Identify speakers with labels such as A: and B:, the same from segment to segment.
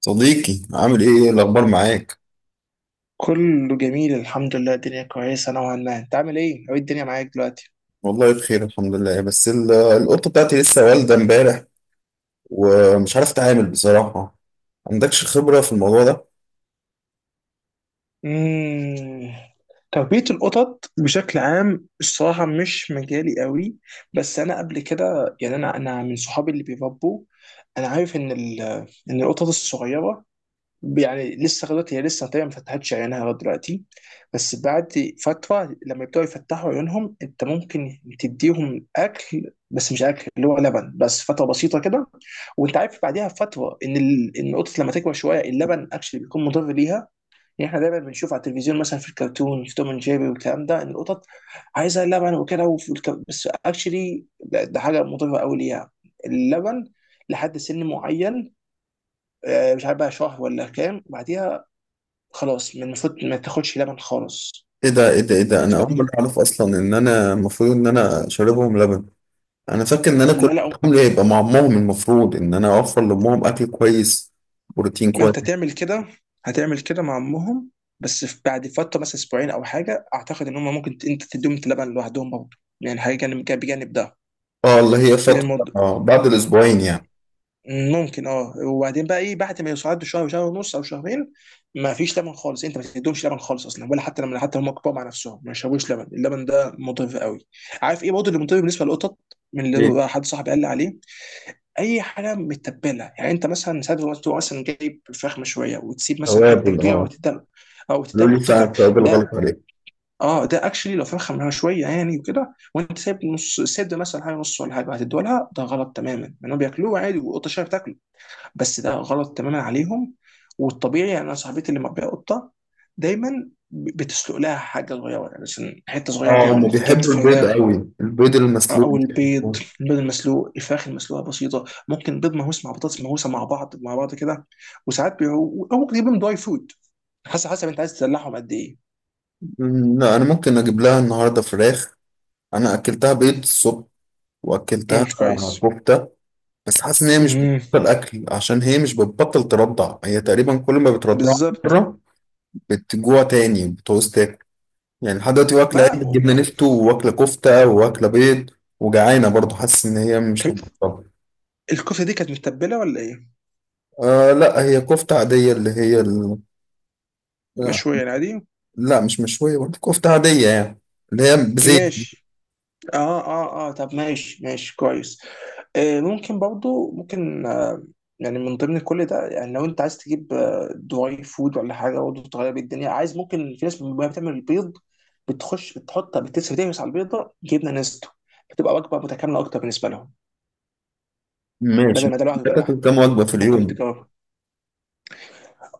A: صديقي، عامل ايه؟ إيه الاخبار معاك؟
B: كله جميل الحمد لله. الدنيا كويسة نوعا ما. انت عامل ايه؟ ايه الدنيا معاك دلوقتي؟
A: والله بخير، الحمد لله. بس القطه بتاعتي لسه والده امبارح. ومش عارف اتعامل بصراحه. عندكش خبره في الموضوع ده؟
B: مم. تربية القطط بشكل عام الصراحة مش مجالي قوي. بس أنا قبل كده، يعني، أنا من صحابي اللي بيربوا. أنا عارف إن إن القطط الصغيرة، يعني لسه لغايه دلوقتي هي لسه تقريبا ما فتحتش عينها لغايه دلوقتي. بس بعد فتره لما يبداوا يفتحوا عيونهم انت ممكن تديهم اكل، بس مش اكل اللي هو لبن، بس فتره بسيطه كده. وانت عارف بعديها بفتره ان ان القطط لما تكبر شويه اللبن اكشلي بيكون مضر ليها. يعني احنا دايما بنشوف على التلفزيون مثلا، في الكرتون، في توم اند جيري والكلام ده، ان القطط عايزه لبن وكده، بس اكشلي ده حاجه مضره قوي ليها، اللبن، لحد سن معين. مش عارف بقى شهر ولا كام بعديها. خلاص، من المفروض ما تاخدش لبن خالص.
A: ايه ده؟ انا اول مره
B: فدي
A: اعرف اصلا ان انا المفروض ان انا شاربهم لبن. انا فاكر ان انا كل
B: اللي انا.
A: حمل هيبقى مع امهم، المفروض ان انا اوفر لامهم اكل كويس، بروتين
B: ما
A: كويس.
B: انت تعمل كده. هتعمل كده مع امهم. بس في بعد فتره مثلا اسبوعين او حاجه، اعتقد ان هم ممكن انت تديهم لبن لوحدهم برضه. يعني حاجه جانب بجانب ده
A: اه، اللي هي فتره
B: الموضوع.
A: بعد الاسبوعين يعني.
B: ممكن اه. وبعدين بقى ايه، بعد ما يوصلوا شهر وشهر ونص او شهرين، ما فيش لبن خالص. انت ما تديهمش لبن خالص اصلا، ولا حتى لما حتى هم كبار مع نفسهم ما يشربوش لبن. اللبن ده مضر قوي. عارف ايه برضه اللي مضر بالنسبه للقطط؟ من اللي
A: ايه،
B: هو حد صاحبي قال لي عليه، اي حاجه متبله. يعني انت مثلا ساعات لما تبقى مثلا جايب فراخ مشويه وتسيب مثلا حته
A: توابل،
B: كبيره
A: اه.
B: وتديها، او تديها
A: قالوا لي فعلا
B: لقطتك،
A: التوابل غلط
B: ده
A: عليك.
B: اه، ده اكشلي، لو فرخه مشويه يعني وكده وانت سايب نص سد مثلا حاجه نص ولا حاجه هتديها لها، ده غلط تماما، لانهم بياكلوه عادي والقطه شايفه بتاكله. بس ده غلط تماما عليهم. والطبيعي، يعني انا صاحبتي اللي مربيه قطه، دايما بتسلق لها حاجه صغيره، يعني مثلا حته صغيره كده
A: اه،
B: من
A: هم بيحبوا
B: الكتف،
A: البيض قوي، البيض المسلوق
B: او البيض،
A: بيحبوه.
B: البيض المسلوق، الفراخ المسلوقه بسيطه، ممكن بيض مهوس مع بطاطس مهوسه مع بعض مع بعض كده. او ممكن تجيبهم دراي فود. حسب، حسب انت عايز تدلعهم قد ايه.
A: لا، انا ممكن اجيب لها النهارده فراخ. انا اكلتها بيض الصبح،
B: امم،
A: واكلتها
B: كويس.
A: كفته. بس حاسس ان هي مش
B: امم،
A: بتبطل اكل، عشان هي مش بتبطل ترضع. هي تقريبا كل ما بترضع
B: بالظبط.
A: مره بتجوع تاني بتعوز تاكل. يعني لحد دلوقتي واكله عيش
B: لا و-
A: جبنه
B: و-
A: نفتو، واكله كفته، واكله بيض، وجعانه برضه، حاسس ان هي مش
B: طب
A: مبطله.
B: الكفته دي كانت متبله ولا ايه؟
A: آه، لا، هي كفته عاديه، اللي هي لا.
B: مشويه يعني عادي؟
A: لا، مش مشويه برضه، كفته عاديه يعني، اللي هي بزيت.
B: ماشي. اه اه اه، طب ماشي، ماشي، كويس. ممكن برضو، ممكن يعني من ضمن كل ده، يعني لو انت عايز تجيب دراي فود ولا حاجه برضه تغير بيه الدنيا عايز، ممكن في ناس وهي بتعمل البيض بتخش بتحط بتسوي، تهمس على البيضه جبنه نستو، بتبقى وجبه متكامله اكتر بالنسبه لهم،
A: ماشي،
B: بدل ما ده لوحده ده
A: بتاكل
B: لوحده.
A: كام وجبة في
B: ممكن
A: اليوم؟
B: تجربها.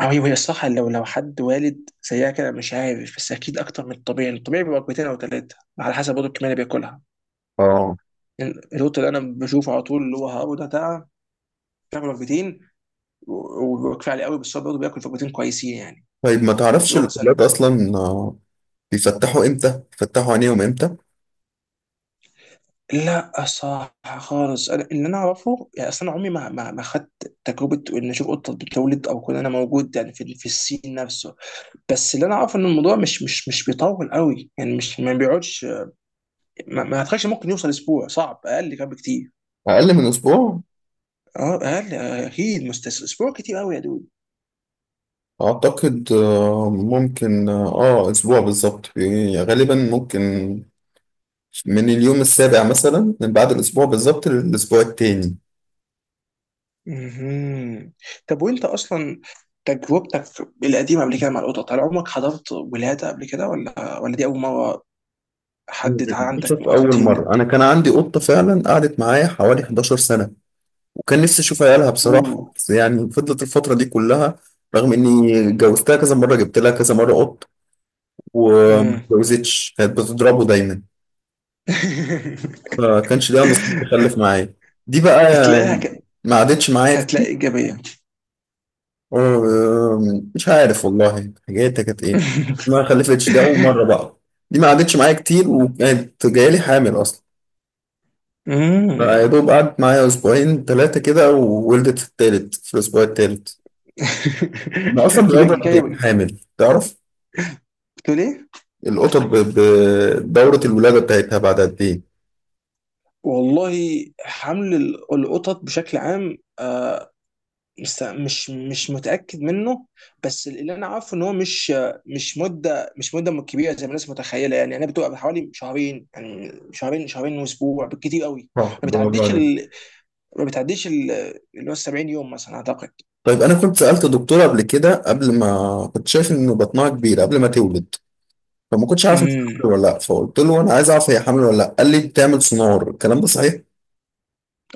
B: هي الصح. لو حد والد زيها كده مش عارف، بس اكيد اكتر من الطبيعي. الطبيعي بيبقى وجبتين او ثلاثه على حسب برضه الكميه اللي بياكلها.
A: اه،
B: القط اللي انا بشوفه على طول، اللي هو هابو ده، بتاع، بيعمل وجبتين وكفايه عليه قوي، بس هو برضه بياكل وجبتين كويسين يعني.
A: طيب، ما تعرفش
B: هو مثلا
A: الأولاد أصلا بيفتحوا إمتى؟ بيفتحوا عينيهم إمتى؟
B: لا، صح خالص. انا اللي انا اعرفه، يعني اصل انا عمري ما ما خدت تجربه ان اشوف قطه بتولد، او كون انا موجود يعني في السين نفسه. بس اللي انا اعرفه ان الموضوع مش بيطول قوي، يعني مش ما بيقعدش. ما اعتقدش ممكن يوصل اسبوع، صعب، اقل كمان بكتير.
A: أقل من أسبوع؟
B: اه اقل، اكيد مستس اسبوع كتير قوي يا دود.
A: أعتقد ممكن أسبوع بالظبط يعني، غالبا ممكن من اليوم السابع مثلا، من بعد الأسبوع بالظبط للأسبوع التاني.
B: مهم. طب وانت اصلا تجربتك القديمه قبل كده مع القطط، هل عمرك حضرت ولاده قبل كده، ولا ولا دي اول مره؟ حد عندك من
A: بشوف
B: قطط
A: أول
B: يولد؟
A: مرة. أنا كان عندي قطة فعلا قعدت معايا حوالي 11 سنة، وكان نفسي أشوف عيالها بصراحة،
B: اوه.
A: بس يعني فضلت الفترة دي كلها رغم إني جوزتها كذا مرة، جبت لها كذا مرة قط، وما
B: مم.
A: اتجوزتش، كانت بتضربه دايما. فكانش ليها نصيب تخلف معايا. دي بقى
B: تلاقيها
A: يعني
B: ك...
A: ما عادتش معايا كتير.
B: كتلاقي ايجابيه.
A: مش عارف والله حاجاتها كانت ايه. ما خلفتش، ده أول مرة بقى. دي ما عادتش معايا كتير، وكانت جايلي حامل أصلا.
B: مم.
A: فيا دوب قعدت معايا أسبوعين ثلاثة كده، وولدت في التالت، في الأسبوع التالت. أنا أصلا بيقعدوا قد إيه
B: جايه.
A: حامل تعرف؟
B: بتقول ايه؟
A: القطط بدورة الولادة بتاعتها بعد قد إيه؟
B: والله حمل القطط بشكل عام، بس مش متأكد منه. بس اللي انا عارفه ان هو مش، مش مدة، مش مدة كبيرة زي ما الناس متخيلة. يعني انا بتبقى حوالي شهرين، يعني شهرين واسبوع بالكتير قوي.
A: صح،
B: ما
A: برافو
B: بتعديش
A: عليك.
B: ال... ما بتعديش اللي هو 70 يوم مثلا اعتقد.
A: طيب انا كنت سالت دكتوره قبل كده، قبل ما كنت شايف ان بطنها كبير قبل ما تولد. فما كنتش عارف إن هي
B: امم.
A: حامل ولا لا، فقلت له انا عايز اعرف هي حامل ولا لا، قال لي بتعمل سونار. الكلام ده صحيح؟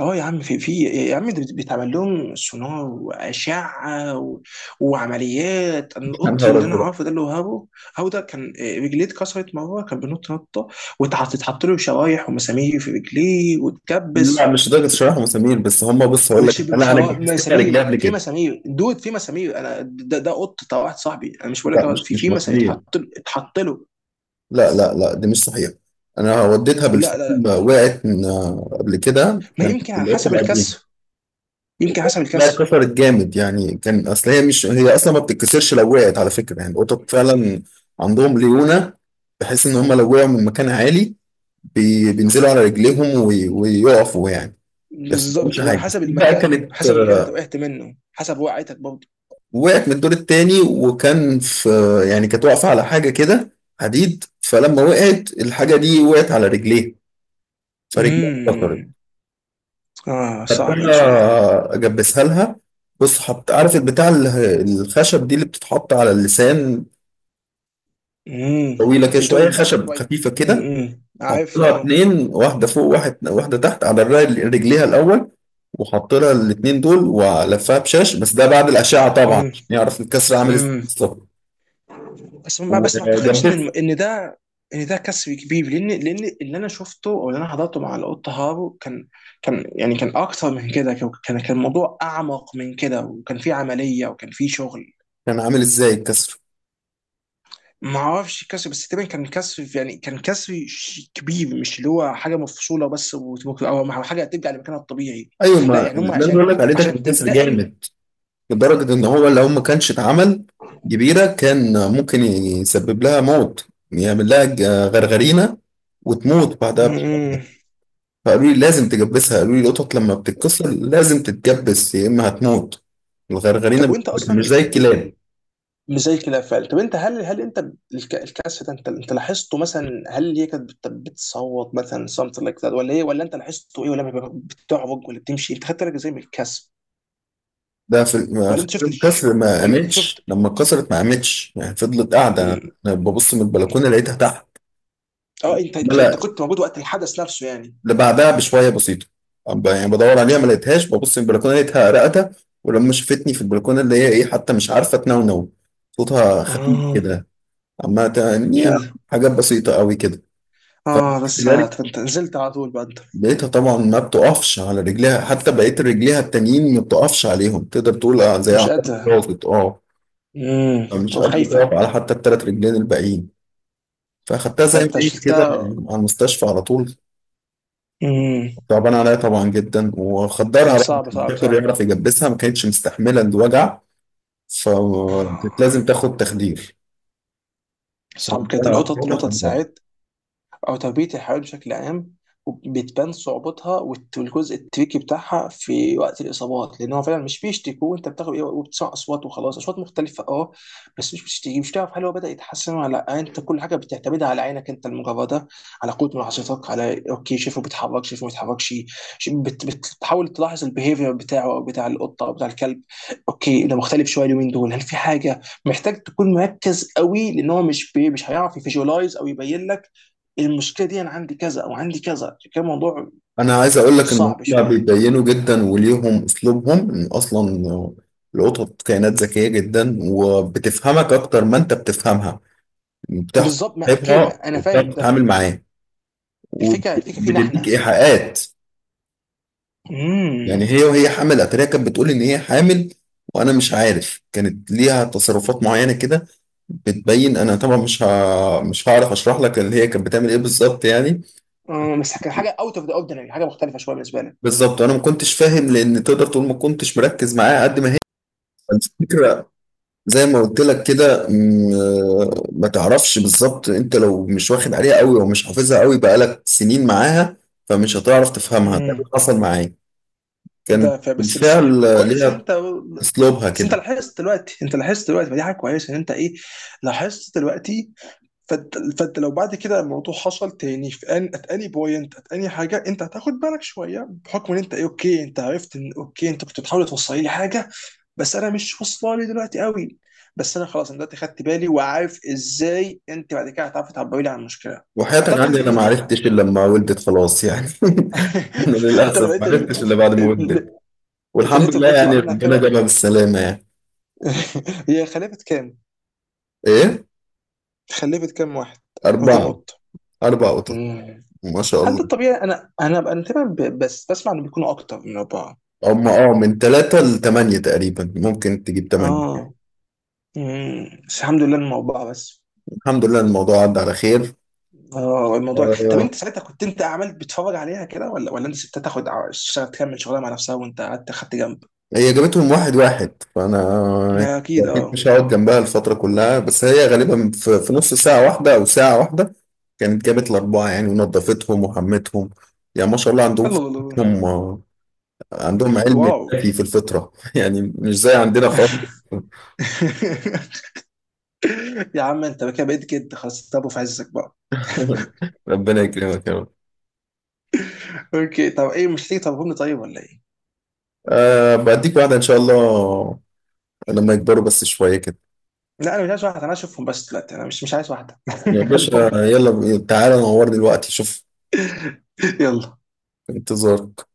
B: اه يا عم، في يا عم، ده بيتعمل لهم سونار واشعه وعمليات. انا
A: يا
B: القط
A: نهار
B: اللي انا
A: أزرق.
B: عارفه، ده اللي هو هابو، هابو ده كان رجليه اتكسرت مره، كان بينط نطه، واتحط له شرايح ومسامير في رجليه
A: لا،
B: واتكبس.
A: مش درجه شرح مسامير بس. هم، بص، هقول لك، انا جهزت لها رجليها
B: مسامير،
A: قبل
B: في
A: كده.
B: مسامير دود في مسامير انا ده, ده قط بتاع واحد صاحبي. انا مش بقول لك
A: لا،
B: هو
A: مش
B: في
A: مش
B: في مسامير
A: مسامير.
B: اتحط له.
A: لا، لا، لا، دي مش صحيح. انا وديتها
B: لا
A: بالفعل.
B: لا لا.
A: قبل كده،
B: ما
A: كانت
B: يمكن على
A: العيادة
B: حسب
A: القديمه.
B: الكسر، يمكن حسب
A: لا،
B: الكسر.
A: اتكسرت جامد يعني. كان اصل هي مش، هي اصلا ما بتتكسرش لو وقعت على فكره، يعني القطط فعلا عندهم ليونه، بحيث ان هم لو وقعوا من مكان عالي بينزلوا على رجليهم ويقفوا يعني. بس ما
B: بالظبط،
A: بيحصلهمش
B: هو على
A: حاجه.
B: حسب
A: دي بقى
B: المكان،
A: كانت
B: حسب المكان انت وقعت منه، حسب وقعتك برضه.
A: وقعت من الدور التاني، وكان في، يعني كانت واقفه على حاجه كده، حديد، فلما وقعت الحاجه دي وقعت على رجليها، فرجليها اتكسرت.
B: امم. اه صعبة دي شوية.
A: خدتها اجبسها لها. بص، حط، عارف البتاع الخشب دي اللي بتتحط على اللسان،
B: امم
A: طويلة كده
B: يتوب
A: شوية،
B: من بره
A: خشب
B: شوية.
A: خفيفة كده.
B: امم،
A: حط
B: عارف
A: لها
B: اه.
A: اتنين، واحدة فوق، واحد واحدة تحت على رجليها الأول، وحط لها الاتنين دول ولفها بشاش، بس ده بعد الأشعة طبعا
B: امم.
A: عشان يعرف الكسر عامل ازاي
B: امم.
A: بالظبط.
B: بس ما اعتقدش ان
A: وجنبها.
B: ان ده، ان ده كسر كبير. لان اللي انا شفته، او اللي انا حضرته مع القط هارو، كان، كان يعني كان اكتر من كده. كان الموضوع اعمق من كده، وكان في عملية وكان في شغل.
A: كان عامل ازاي الكسر؟
B: ما اعرفش كسر بس تقريبا كان كسر، يعني كان كسر كبير، مش اللي هو حاجه مفصوله بس وتبقى، او حاجه ترجع لمكانها الطبيعي.
A: ايوه،
B: لا،
A: ما
B: يعني هم
A: اللي انا
B: عشان،
A: بقول لك عليه ده كان
B: عشان
A: كسر
B: تلتئم.
A: جامد، لدرجة ان هو لو ما كانش اتعمل كبيرة كان ممكن يسبب لها موت، يعمل لها غرغرينة وتموت بعدها بشوية.
B: م-م.
A: فقالوا لي لازم تجبسها، قالوا لي القطط لما بتتكسر لازم تتجبس، يا اما هتموت. الغرغرينه
B: طب وانت
A: بتموت، مش
B: اصلا
A: زي الكلاب.
B: مش زي كده فعلا. طب انت هل انت، الكسر ده، انت لاحظته مثلا، هل هي كانت بتصوت مثلا something like that ولا ايه، ولا انت لاحظته ايه، ولا بتعرج ولا بتمشي؟ انت خدت بالك ازاي من الكسر؟
A: ده في
B: ولا
A: خلال
B: انت شفت الش...
A: الكسر، ما
B: ولا انت
A: قامتش.
B: شفت
A: لما اتكسرت ما قامتش يعني، فضلت قاعده.
B: م.
A: انا ببص من البلكونه، لقيتها تحت.
B: اه انت
A: ملا،
B: كنت موجود وقت الحدث نفسه يعني؟
A: اللي بعدها بشويه بسيطه، يعني بدور عليها، ما لقيتهاش. ببص من البلكونه لقيتها رقدة. ولما شفتني في البلكونه، اللي هي ايه، حتى مش عارفه تنونو، صوتها خفيف
B: اه
A: كده، عمالة تغني حاجات بسيطه قوي كده. ف
B: اه، بس انت نزلت على طول بقى انت؟
A: لقيتها طبعا ما بتقفش على رجليها، حتى بقيت رجليها التانيين ما بتقفش عليهم، تقدر تقول زي
B: مش
A: عقاب
B: قادر.
A: راقد، اه.
B: امم.
A: فمش قادرة
B: وخايفة.
A: تقف على حتى التلات رجلين الباقيين. فاخدتها زي ما
B: فانت
A: هي كده،
B: شلتها.
A: على المستشفى على طول.
B: امم.
A: تعبان عليا طبعا جدا، وخدرها بقى
B: صعب
A: عشان
B: صعب
A: الدكتور
B: صعب.
A: يعرف يجبسها، ما كانتش مستحملة الوجع، فكانت لازم
B: آه،
A: تاخد تخدير.
B: صعب كده القطط،
A: فأنا
B: القطط ساعات، او تربيه الحيوانات بشكل عام، بتبان صعوبتها والجزء التريكي بتاعها في وقت الاصابات. لان هو فعلا مش بيشتكوا، وانت بتاخد ايه وبتسمع اصوات، وخلاص اصوات مختلفه اه. بس مش بتشتكي، مش تعرف هل هو بدا يتحسن ولا لا. انت كل حاجه بتعتمدها على عينك انت المجرده، على قوه ملاحظتك، على اوكي شايفه بيتحرك، شايفه ما بيتحركش. بتحاول تلاحظ البيهيفير بتاعه، او بتاع القطه او بتاع الكلب. اوكي ده مختلف شويه اليومين دول، هل في حاجه. محتاج تكون مركز قوي، لان هو مش هيعرف يفيجوالايز او يبين لك المشكله دي انا عندي كذا او عندي كذا. كان موضوع
A: انا عايز اقول لك ان
B: صعب
A: هم
B: شويه.
A: بيبينوا جدا، وليهم اسلوبهم. ان اصلا القطط كائنات ذكيه جدا، وبتفهمك اكتر ما انت بتفهمها. بتعرف
B: بالظبط. ما اوكي،
A: تصاحبها،
B: ما انا فاهم
A: وبتعرف
B: ده.
A: تتعامل معاه،
B: الفكره فينا
A: وبتديك
B: احنا.
A: ايحاءات. يعني
B: امم.
A: هي وهي حامل اتاريها كانت بتقول ان هي حامل، وانا مش عارف، كانت ليها تصرفات معينه كده بتبين. انا طبعا مش هعرف اشرح لك اللي هي كانت بتعمل ايه بالظبط يعني.
B: بس كان حاجه اوت اوف ذا اوردينري، حاجه مختلفه شويه بالنسبه لي.
A: بالظبط، انا ما كنتش فاهم، لان تقدر تقول ما كنتش مركز معاها قد ما هي. الفكرة، زي ما قلت لك كده، ما تعرفش بالظبط، انت لو مش واخد عليها قوي او مش حافظها قوي بقالك سنين معاها، فمش هتعرف تفهمها، ده اللي
B: امم.
A: حصل معايا. كان
B: ده بس
A: بالفعل
B: كويس إن
A: ليها
B: انت،
A: اسلوبها
B: بس انت
A: كده.
B: لاحظت دلوقتي، انت لاحظت دلوقتي، فدي حاجه كويسه ان انت ايه، لاحظت دلوقتي. فانت لو بعد كده الموضوع حصل تاني، في ان ات اني بوينت ات اني حاجه، انت هتاخد بالك شويه بحكم ان انت ايه اوكي. انت عرفت ان اوكي انت كنت بتحاول توصل لي حاجه، بس انا مش واصله لي دلوقتي قوي. بس انا خلاص انا دلوقتي خدت بالي، وعارف ازاي انت بعد كده هتعرفي تعبري لي عن المشكله.
A: وحياتك
B: اعتقد
A: عندي، انا
B: ان
A: ما
B: دي حق.
A: عرفتش الا لما ولدت خلاص يعني. انا
B: انت لو
A: للاسف ما
B: لقيت ال...
A: عرفتش الا بعد ما ولدت.
B: ال- انت
A: والحمد
B: لقيته
A: لله
B: بيطلع
A: يعني،
B: منها
A: ربنا
B: كده.
A: جابها بالسلامه يعني.
B: هي خلفت كام؟
A: ايه؟
B: خلفت كام واحد؟ او كام
A: اربعه.
B: قط؟
A: اربع قطط.
B: مم.
A: ما شاء
B: هل
A: الله.
B: ده الطبيعي؟ انا تقريبا بس بسمع انه بيكونوا اكتر من اربعه.
A: هم، اه، من ثلاثة لثمانية تقريبا، ممكن تجيب ثمانية.
B: اه. مم. بس الحمد لله انهم اربعه بس.
A: الحمد لله الموضوع عدى على خير.
B: اه الموضوع، طب
A: آه،
B: انت ساعتها كنت، انت عملت بتتفرج عليها كده، ولا ولا انت سبتها تاخد اشتغل تكمل شغلها مع نفسها، وانت قعدت خدت جنب؟
A: هي جابتهم واحد واحد. فانا
B: ما اكيد
A: اكيد
B: اه.
A: مش هقعد جنبها الفتره كلها، بس هي غالبا في نص ساعه واحده او ساعه واحده كانت جابت الاربعه يعني، ونظفتهم وحمتهم. يعني ما شاء الله، عندهم
B: الله الله الله.
A: فطرتهم عندهم علم
B: واو.
A: الكافي في الفطره. يعني مش زي عندنا خالص.
B: يا عم انت كده بقيت كده، خلاص، طب في عزك بقى.
A: ربنا يكرمك يا رب.
B: اوكي طب ايه، مش هتيجي طب، طيب ولا ايه؟
A: أه، بديك واحده ان شاء الله لما يكبروا بس شويه كده.
B: لا انا مش عايز واحده، انا اشوفهم بس دلوقتي، انا مش عايز واحده.
A: يا باشا،
B: خليهم لك.
A: يلا تعالى نورني دلوقتي، شوف.
B: يلا.
A: انتظارك.